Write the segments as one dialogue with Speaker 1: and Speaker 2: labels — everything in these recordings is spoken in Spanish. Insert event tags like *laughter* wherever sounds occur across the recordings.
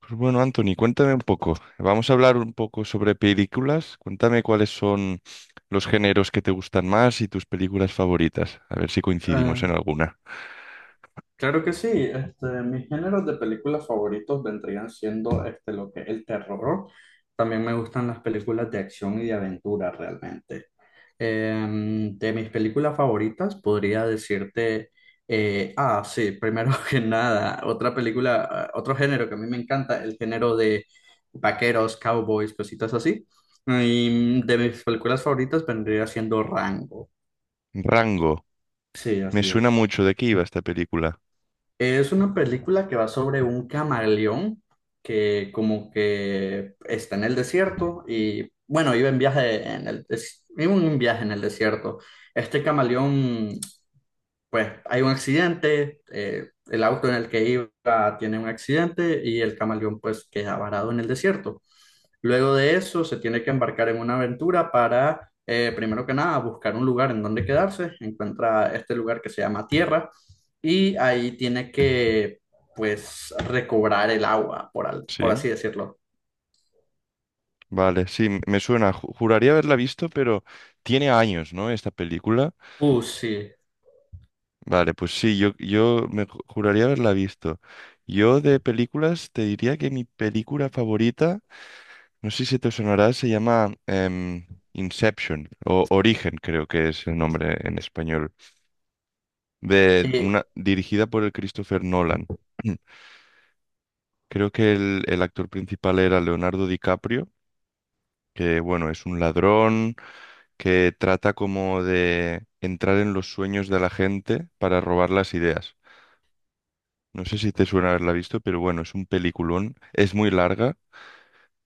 Speaker 1: Pues bueno, Anthony, cuéntame un poco. Vamos a hablar un poco sobre películas. Cuéntame cuáles son los géneros que te gustan más y tus películas favoritas. A ver si coincidimos en
Speaker 2: Eh,
Speaker 1: alguna.
Speaker 2: claro que sí, este, mis géneros de películas favoritos vendrían siendo este, lo que es el terror. También me gustan las películas de acción y de aventura realmente. De mis películas favoritas podría decirte, sí, primero *laughs* que nada, otra película, otro género que a mí me encanta, el género de vaqueros, cowboys, cositas así. Y de mis películas favoritas vendría siendo Rango.
Speaker 1: Rango.
Speaker 2: Sí,
Speaker 1: Me
Speaker 2: así
Speaker 1: suena
Speaker 2: es.
Speaker 1: mucho de qué iba esta película.
Speaker 2: Es una película que va sobre un camaleón que como que está en el desierto y bueno, iba en un viaje en el desierto. Este camaleón pues hay un accidente, el auto en el que iba tiene un accidente y el camaleón pues queda varado en el desierto. Luego de eso se tiene que embarcar en una aventura para, primero que nada, buscar un lugar en donde quedarse. Encuentra este lugar que se llama Tierra y ahí tiene que pues recobrar el agua,
Speaker 1: Sí,
Speaker 2: por así decirlo.
Speaker 1: vale, sí, me suena. Juraría haberla visto, pero tiene años, ¿no? Esta película.
Speaker 2: Sí.
Speaker 1: Vale, pues sí, yo me juraría haberla visto. Yo de películas te diría que mi película favorita. No sé si te sonará, se llama Inception o Origen, creo que es el nombre en español, de
Speaker 2: Eh,
Speaker 1: una dirigida por el Christopher Nolan. *clears throat* Creo que el actor principal era Leonardo DiCaprio, que bueno, es un ladrón que trata como de entrar en los sueños de la gente para robar las ideas. No sé si te suena haberla visto, pero bueno, es un peliculón. Es muy larga,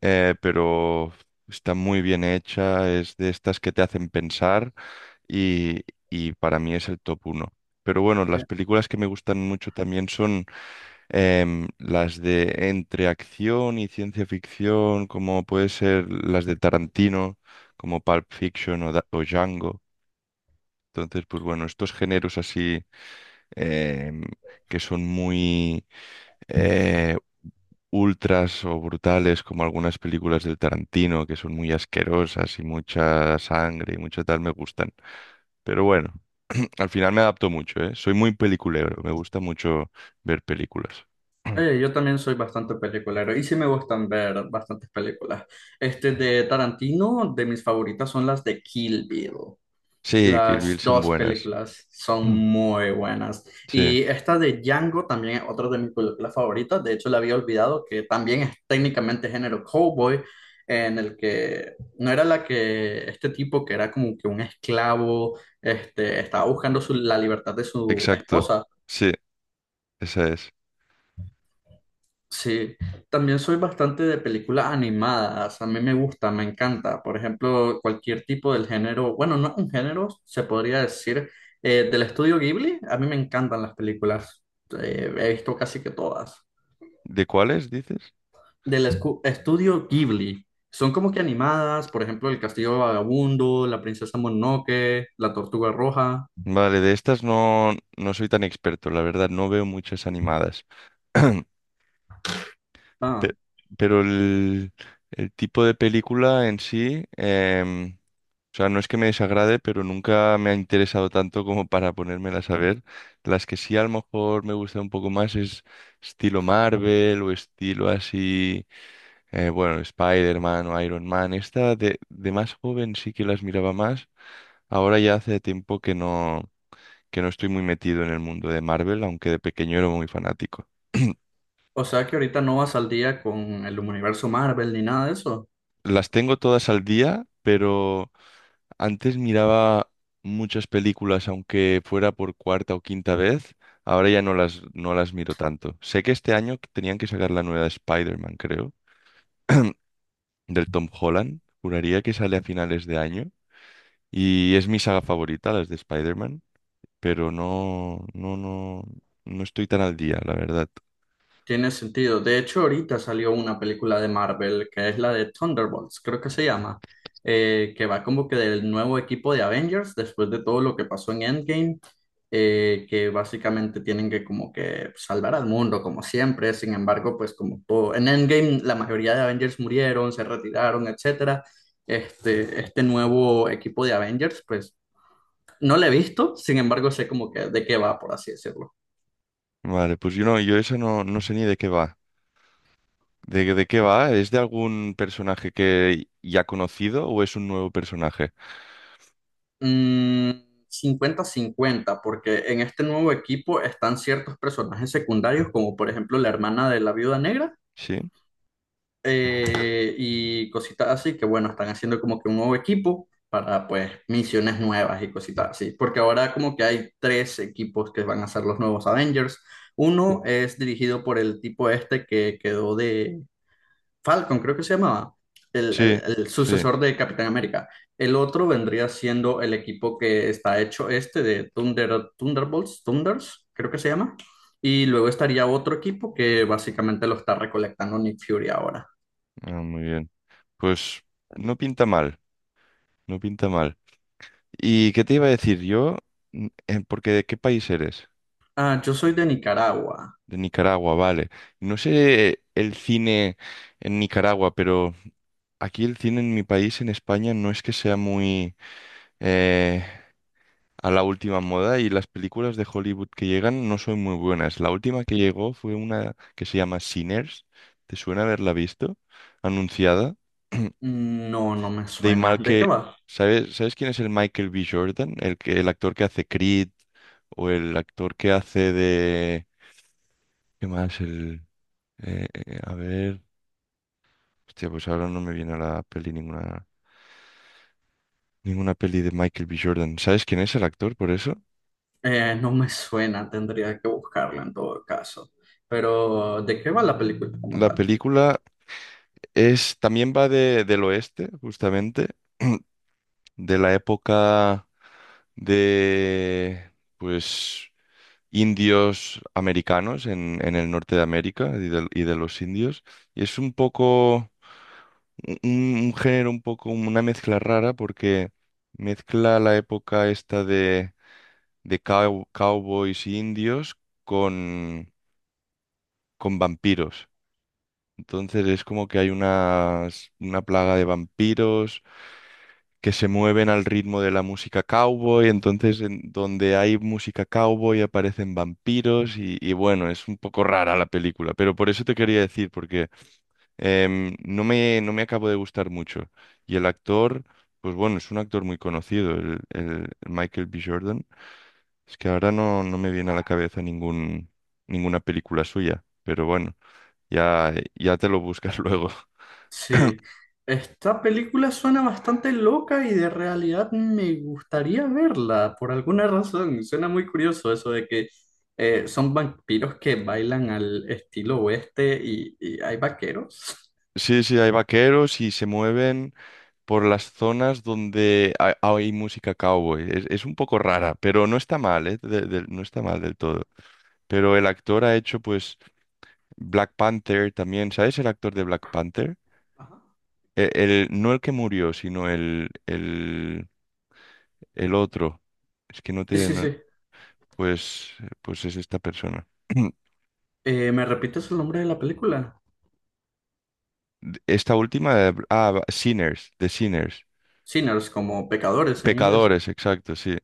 Speaker 1: pero está muy bien hecha. Es de estas que te hacen pensar y, y para mí es el top uno. Pero bueno, las películas que me gustan mucho también son las de entre acción y ciencia ficción, como puede ser las de Tarantino, como Pulp Fiction o, o Django. Entonces, pues bueno, estos géneros así, em, que son muy eh, ultras o brutales, como algunas películas del Tarantino, que son muy asquerosas y mucha sangre y mucho tal, me gustan. Pero bueno, *clears throat* al final me adapto mucho, ¿eh? Soy muy peliculero, me gusta mucho ver películas. *clears throat*
Speaker 2: Yo también soy bastante peliculero y sí me gustan ver bastantes películas. Este de Tarantino, de mis favoritas son las de Kill Bill.
Speaker 1: Sí, Kill Bill
Speaker 2: Las
Speaker 1: son
Speaker 2: dos
Speaker 1: buenas.
Speaker 2: películas son
Speaker 1: Mm.
Speaker 2: muy buenas.
Speaker 1: Sí,
Speaker 2: Y esta de Django también es otra de mis películas favoritas. De hecho, la había olvidado que también es técnicamente género cowboy, en el que no era la que este tipo que era como que un esclavo, este, estaba buscando la libertad de su
Speaker 1: exacto.
Speaker 2: esposa.
Speaker 1: Sí, esa es.
Speaker 2: Sí, también soy bastante de películas animadas, a mí me gusta, me encanta, por ejemplo, cualquier tipo del género, bueno, no un género, se podría decir, del estudio Ghibli, a mí me encantan las películas. He visto casi que todas,
Speaker 1: ¿De cuáles dices?
Speaker 2: del estudio Ghibli, son como que animadas, por ejemplo, El Castillo Vagabundo, La Princesa Mononoke, La Tortuga Roja.
Speaker 1: Vale, de estas no, no soy tan experto, la verdad, no veo muchas animadas. *clears throat*
Speaker 2: ah,
Speaker 1: Pe- Pero el tipo de película en sí, o sea, no es que me desagrade, pero nunca me ha interesado tanto como para ponérmelas a ver. Las que sí a lo mejor me gustan un poco más es estilo Marvel o estilo así, bueno, Spider-Man o Iron Man. Esta de más joven sí que las miraba más. Ahora ya hace tiempo que no, que no estoy muy metido en el mundo de Marvel, aunque de pequeño era muy fanático. *clears throat*
Speaker 2: o sea que ahorita no vas al día con el universo Marvel ni nada de eso.
Speaker 1: Las tengo todas al día, pero antes miraba muchas películas, aunque fuera por cuarta o quinta vez. Ahora ya no las miro tanto. Sé que este año tenían que sacar la nueva de Spider-Man, creo, *clears throat* del Tom Holland. Juraría que sale a finales de año. Y es mi saga favorita, las de Spider-Man, pero no, no estoy tan al día, la verdad.
Speaker 2: Tiene sentido. De hecho, ahorita salió una película de Marvel que es la de Thunderbolts, creo que se llama, que va como que del nuevo equipo de Avengers después de todo lo que pasó en Endgame, que básicamente tienen que como que salvar al mundo como siempre. Sin embargo, pues como todo en Endgame la mayoría de Avengers murieron, se retiraron, etcétera. Este nuevo equipo de Avengers, pues no lo he visto, sin embargo sé como que de qué va, por así decirlo.
Speaker 1: Vale, pues yo no, yo eso no, no sé ni de qué va. De qué va? ¿Es de algún personaje que ya conocido o es un nuevo personaje?
Speaker 2: Mm, cincuenta 50 porque en este nuevo equipo están ciertos personajes secundarios, como por ejemplo la hermana de la viuda negra,
Speaker 1: Sí,
Speaker 2: y cositas así, que bueno, están haciendo como que un nuevo equipo para pues misiones nuevas y cositas así, porque ahora como que hay tres equipos que van a ser los nuevos Avengers. Uno es dirigido por el tipo este que quedó de Falcon, creo que se llamaba, el,
Speaker 1: sí,
Speaker 2: el- el
Speaker 1: sí.
Speaker 2: sucesor de Capitán América. El otro vendría siendo el equipo que está hecho este de Thunderbolts, Thunders, creo que se llama. Y luego estaría otro equipo que básicamente lo está recolectando Nick Fury ahora.
Speaker 1: Ah, muy bien. Pues no pinta mal, no pinta mal. ¿Y qué te iba a decir yo? Porque ¿de qué país eres?
Speaker 2: Ah, yo soy de Nicaragua.
Speaker 1: De Nicaragua, vale. No sé el cine en Nicaragua, pero aquí el cine en mi país, en España, no es que sea muy eh, a la última moda, y las películas de Hollywood que llegan no son muy buenas. La última que llegó fue una que se llama Sinners. ¿Te suena haberla visto? Anunciada.
Speaker 2: No, no me
Speaker 1: De
Speaker 2: suena.
Speaker 1: mal
Speaker 2: ¿De qué
Speaker 1: que,
Speaker 2: va?
Speaker 1: ¿sabes quién es el Michael B. Jordan? El que, el actor que hace Creed o el actor que hace de... ¿Qué más? El, a ver... Hostia, pues ahora no me viene a la peli ninguna, ninguna peli de Michael B. Jordan. ¿Sabes quién es el actor por eso?
Speaker 2: No me suena, tendría que buscarlo en todo caso. Pero, ¿de qué va la película como
Speaker 1: La
Speaker 2: tal?
Speaker 1: película es, también va de, del oeste, justamente, *clears throat* de la época de, pues, indios americanos en el norte de América y de los indios. Y es un poco, un género un poco, una mezcla rara porque mezcla la época esta de cowboys e indios con, con vampiros. Entonces es como que hay una plaga de vampiros que se mueven al ritmo de la música cowboy, entonces en donde hay música cowboy aparecen vampiros y bueno, es un poco rara la película, pero por eso te quería decir, porque no me acabo de gustar mucho. Y el actor, pues bueno, es un actor muy conocido, el Michael B. Jordan. Es que ahora no, no me viene a la cabeza ningún, ninguna película suya, pero bueno, ya, ya te lo buscas *laughs* luego.
Speaker 2: Sí, esta película suena bastante loca y de realidad me gustaría verla por alguna *laughs* razón. Suena muy curioso eso de que son vampiros que bailan al estilo oeste y hay vaqueros.
Speaker 1: Sí, sí, hay vaqueros y se mueven por las zonas donde hay música cowboy. Es un poco rara, pero no está mal, ¿eh? No está mal del todo. Pero el actor ha hecho, pues, Black Panther también. ¿Sabes el actor de Black Panther?
Speaker 2: Ajá.
Speaker 1: El, no el que murió, sino el otro. Es que no
Speaker 2: Sí,
Speaker 1: te...
Speaker 2: sí,
Speaker 1: no,
Speaker 2: sí.
Speaker 1: pues, pues es esta persona. *clears throat*
Speaker 2: ¿Me repites el nombre de la película?
Speaker 1: Esta última de... Ah, Sinners, de Sinners.
Speaker 2: Sinners, como pecadores en inglés.
Speaker 1: Pecadores, exacto, sí.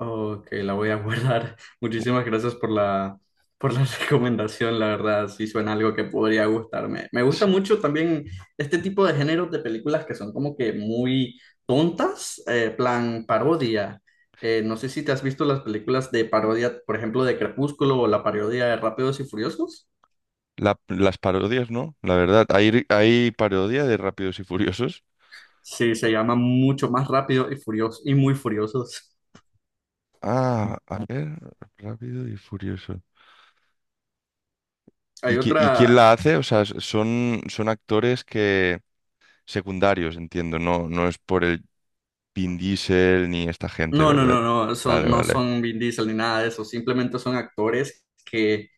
Speaker 2: Ok, la voy a guardar. *laughs* Muchísimas gracias por la *laughs* recomendación, la verdad, sí suena algo que podría gustarme. Me gusta
Speaker 1: S-
Speaker 2: mucho también este tipo de géneros de películas que son como que muy tontas, plan parodia. No sé si te has visto las películas de parodia, por ejemplo, de Crepúsculo o la parodia de Rápidos y Furiosos.
Speaker 1: la- las parodias, ¿no? La verdad, hay parodia de Rápidos y Furiosos.
Speaker 2: Sí, se llama mucho más Rápido y Furioso y muy Furiosos.
Speaker 1: Ah, a ver, Rápido y Furioso. ¿Y,
Speaker 2: Hay
Speaker 1: y quién
Speaker 2: otra.
Speaker 1: la hace? O sea, son, son actores que secundarios, entiendo. No, no es por el Vin Diesel ni esta gente,
Speaker 2: No, no,
Speaker 1: ¿verdad?
Speaker 2: no, no,
Speaker 1: Vale,
Speaker 2: son, no
Speaker 1: vale.
Speaker 2: son Vin Diesel ni nada de eso, simplemente son actores que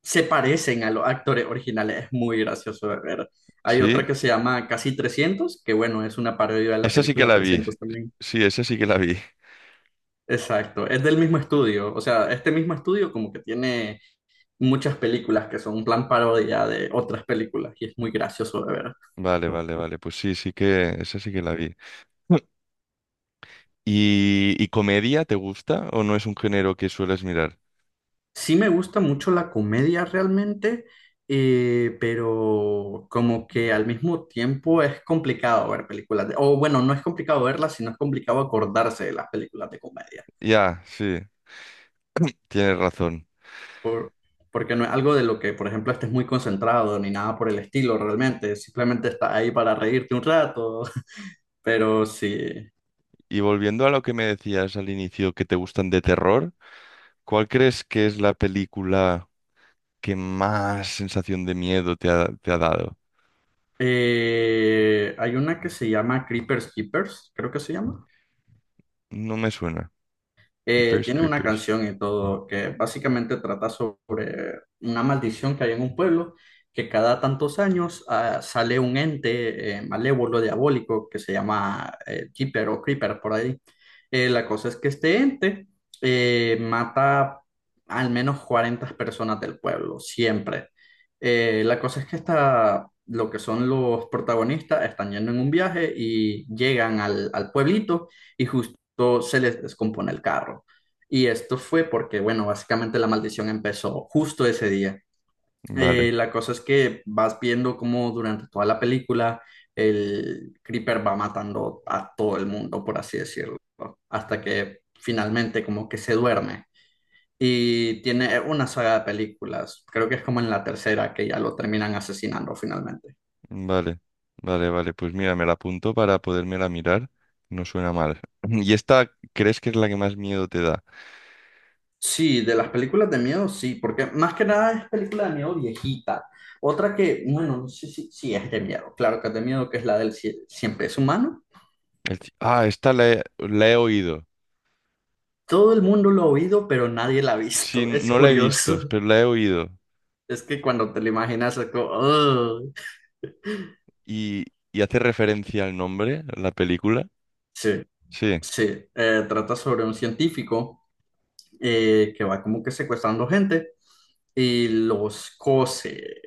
Speaker 2: se parecen a los actores originales, es muy gracioso de ver. Hay
Speaker 1: Sí,
Speaker 2: otra que se llama Casi Trescientos, que bueno, es una parodia de la
Speaker 1: esa sí que
Speaker 2: película
Speaker 1: la vi.
Speaker 2: 300 también.
Speaker 1: Sí, esa sí que la vi. *laughs*
Speaker 2: Exacto, es del mismo estudio, o sea, este mismo estudio como que tiene muchas películas que son un plan parodia de otras películas y es muy gracioso de ver.
Speaker 1: Vale, vale, vale. Pues sí, sí que esa sí que la vi. *laughs* ¿Y, y comedia te gusta o no es un género que sueles mirar?
Speaker 2: Sí me gusta mucho la comedia realmente, pero como que al mismo tiempo es complicado ver películas o bueno, no es complicado verlas, sino es complicado acordarse de las películas de comedia,
Speaker 1: Ya, sí, *clears throat* tienes razón.
Speaker 2: por- porque no es algo de lo que, por ejemplo, estés muy concentrado ni nada por el estilo realmente, simplemente estás ahí para reírte un rato, *laughs* pero sí.
Speaker 1: Y volviendo a lo que me decías al inicio, que te gustan de terror. ¿Cuál crees que es la película que más sensación de miedo te ha dado?
Speaker 2: Hay una que se llama Creepers Keepers, creo que se llama.
Speaker 1: No me suena. Keepers
Speaker 2: Tiene una
Speaker 1: Creepers.
Speaker 2: canción y todo que básicamente trata sobre una maldición que hay en un pueblo que cada tantos años sale un ente malévolo, diabólico, que se llama Jeeper o Creeper por ahí. La cosa es que este ente mata al menos 40 personas del pueblo, siempre. La cosa es que esta, lo que son los protagonistas están yendo en un viaje y llegan al pueblito y justo esto se les descompone el carro. Y esto fue porque, bueno, básicamente la maldición empezó justo ese día.
Speaker 1: Vale,
Speaker 2: La cosa es que vas viendo cómo durante toda la película el Creeper va matando a todo el mundo, por así decirlo, hasta que finalmente como que se duerme. Y tiene una saga de películas, creo que es como en la tercera que ya lo terminan asesinando finalmente.
Speaker 1: vale, vale, vale. Pues mira, me la apunto para podérmela mirar. No suena mal. *laughs* *clears throat* ¿Y esta crees que es la que más miedo te da?
Speaker 2: Sí, de las películas de miedo, sí, porque más que nada es película de miedo viejita. Otra que, bueno, no sé si, si es de miedo, claro que es de miedo, que es la del cien Siempre es humano.
Speaker 1: Ah, esta la he oído.
Speaker 2: Todo el mundo lo ha oído, pero nadie la ha
Speaker 1: Sí,
Speaker 2: visto. *laughs* Es
Speaker 1: no la he visto,
Speaker 2: curioso.
Speaker 1: pero la he oído.
Speaker 2: Es que cuando te lo imaginas, es como, "Ugh".
Speaker 1: ¿Y, y hace referencia al nombre, la película?
Speaker 2: Sí,
Speaker 1: Sí,
Speaker 2: sí. Trata sobre un científico que va como que secuestrando gente y los cose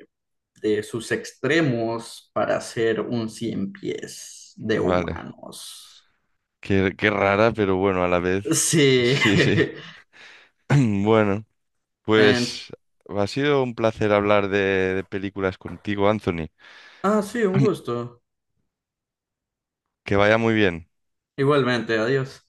Speaker 2: de sus extremos para hacer un cien pies de
Speaker 1: vale.
Speaker 2: humanos.
Speaker 1: Qué, qué rara, pero bueno, a la vez. *laughs*
Speaker 2: Sí.
Speaker 1: Sí, sí.
Speaker 2: *laughs*
Speaker 1: *clears throat* Bueno.
Speaker 2: En-
Speaker 1: Pues ha sido un placer hablar de películas contigo, Anthony.
Speaker 2: Ah, sí, un gusto.
Speaker 1: Que vaya muy bien.
Speaker 2: Igualmente, adiós.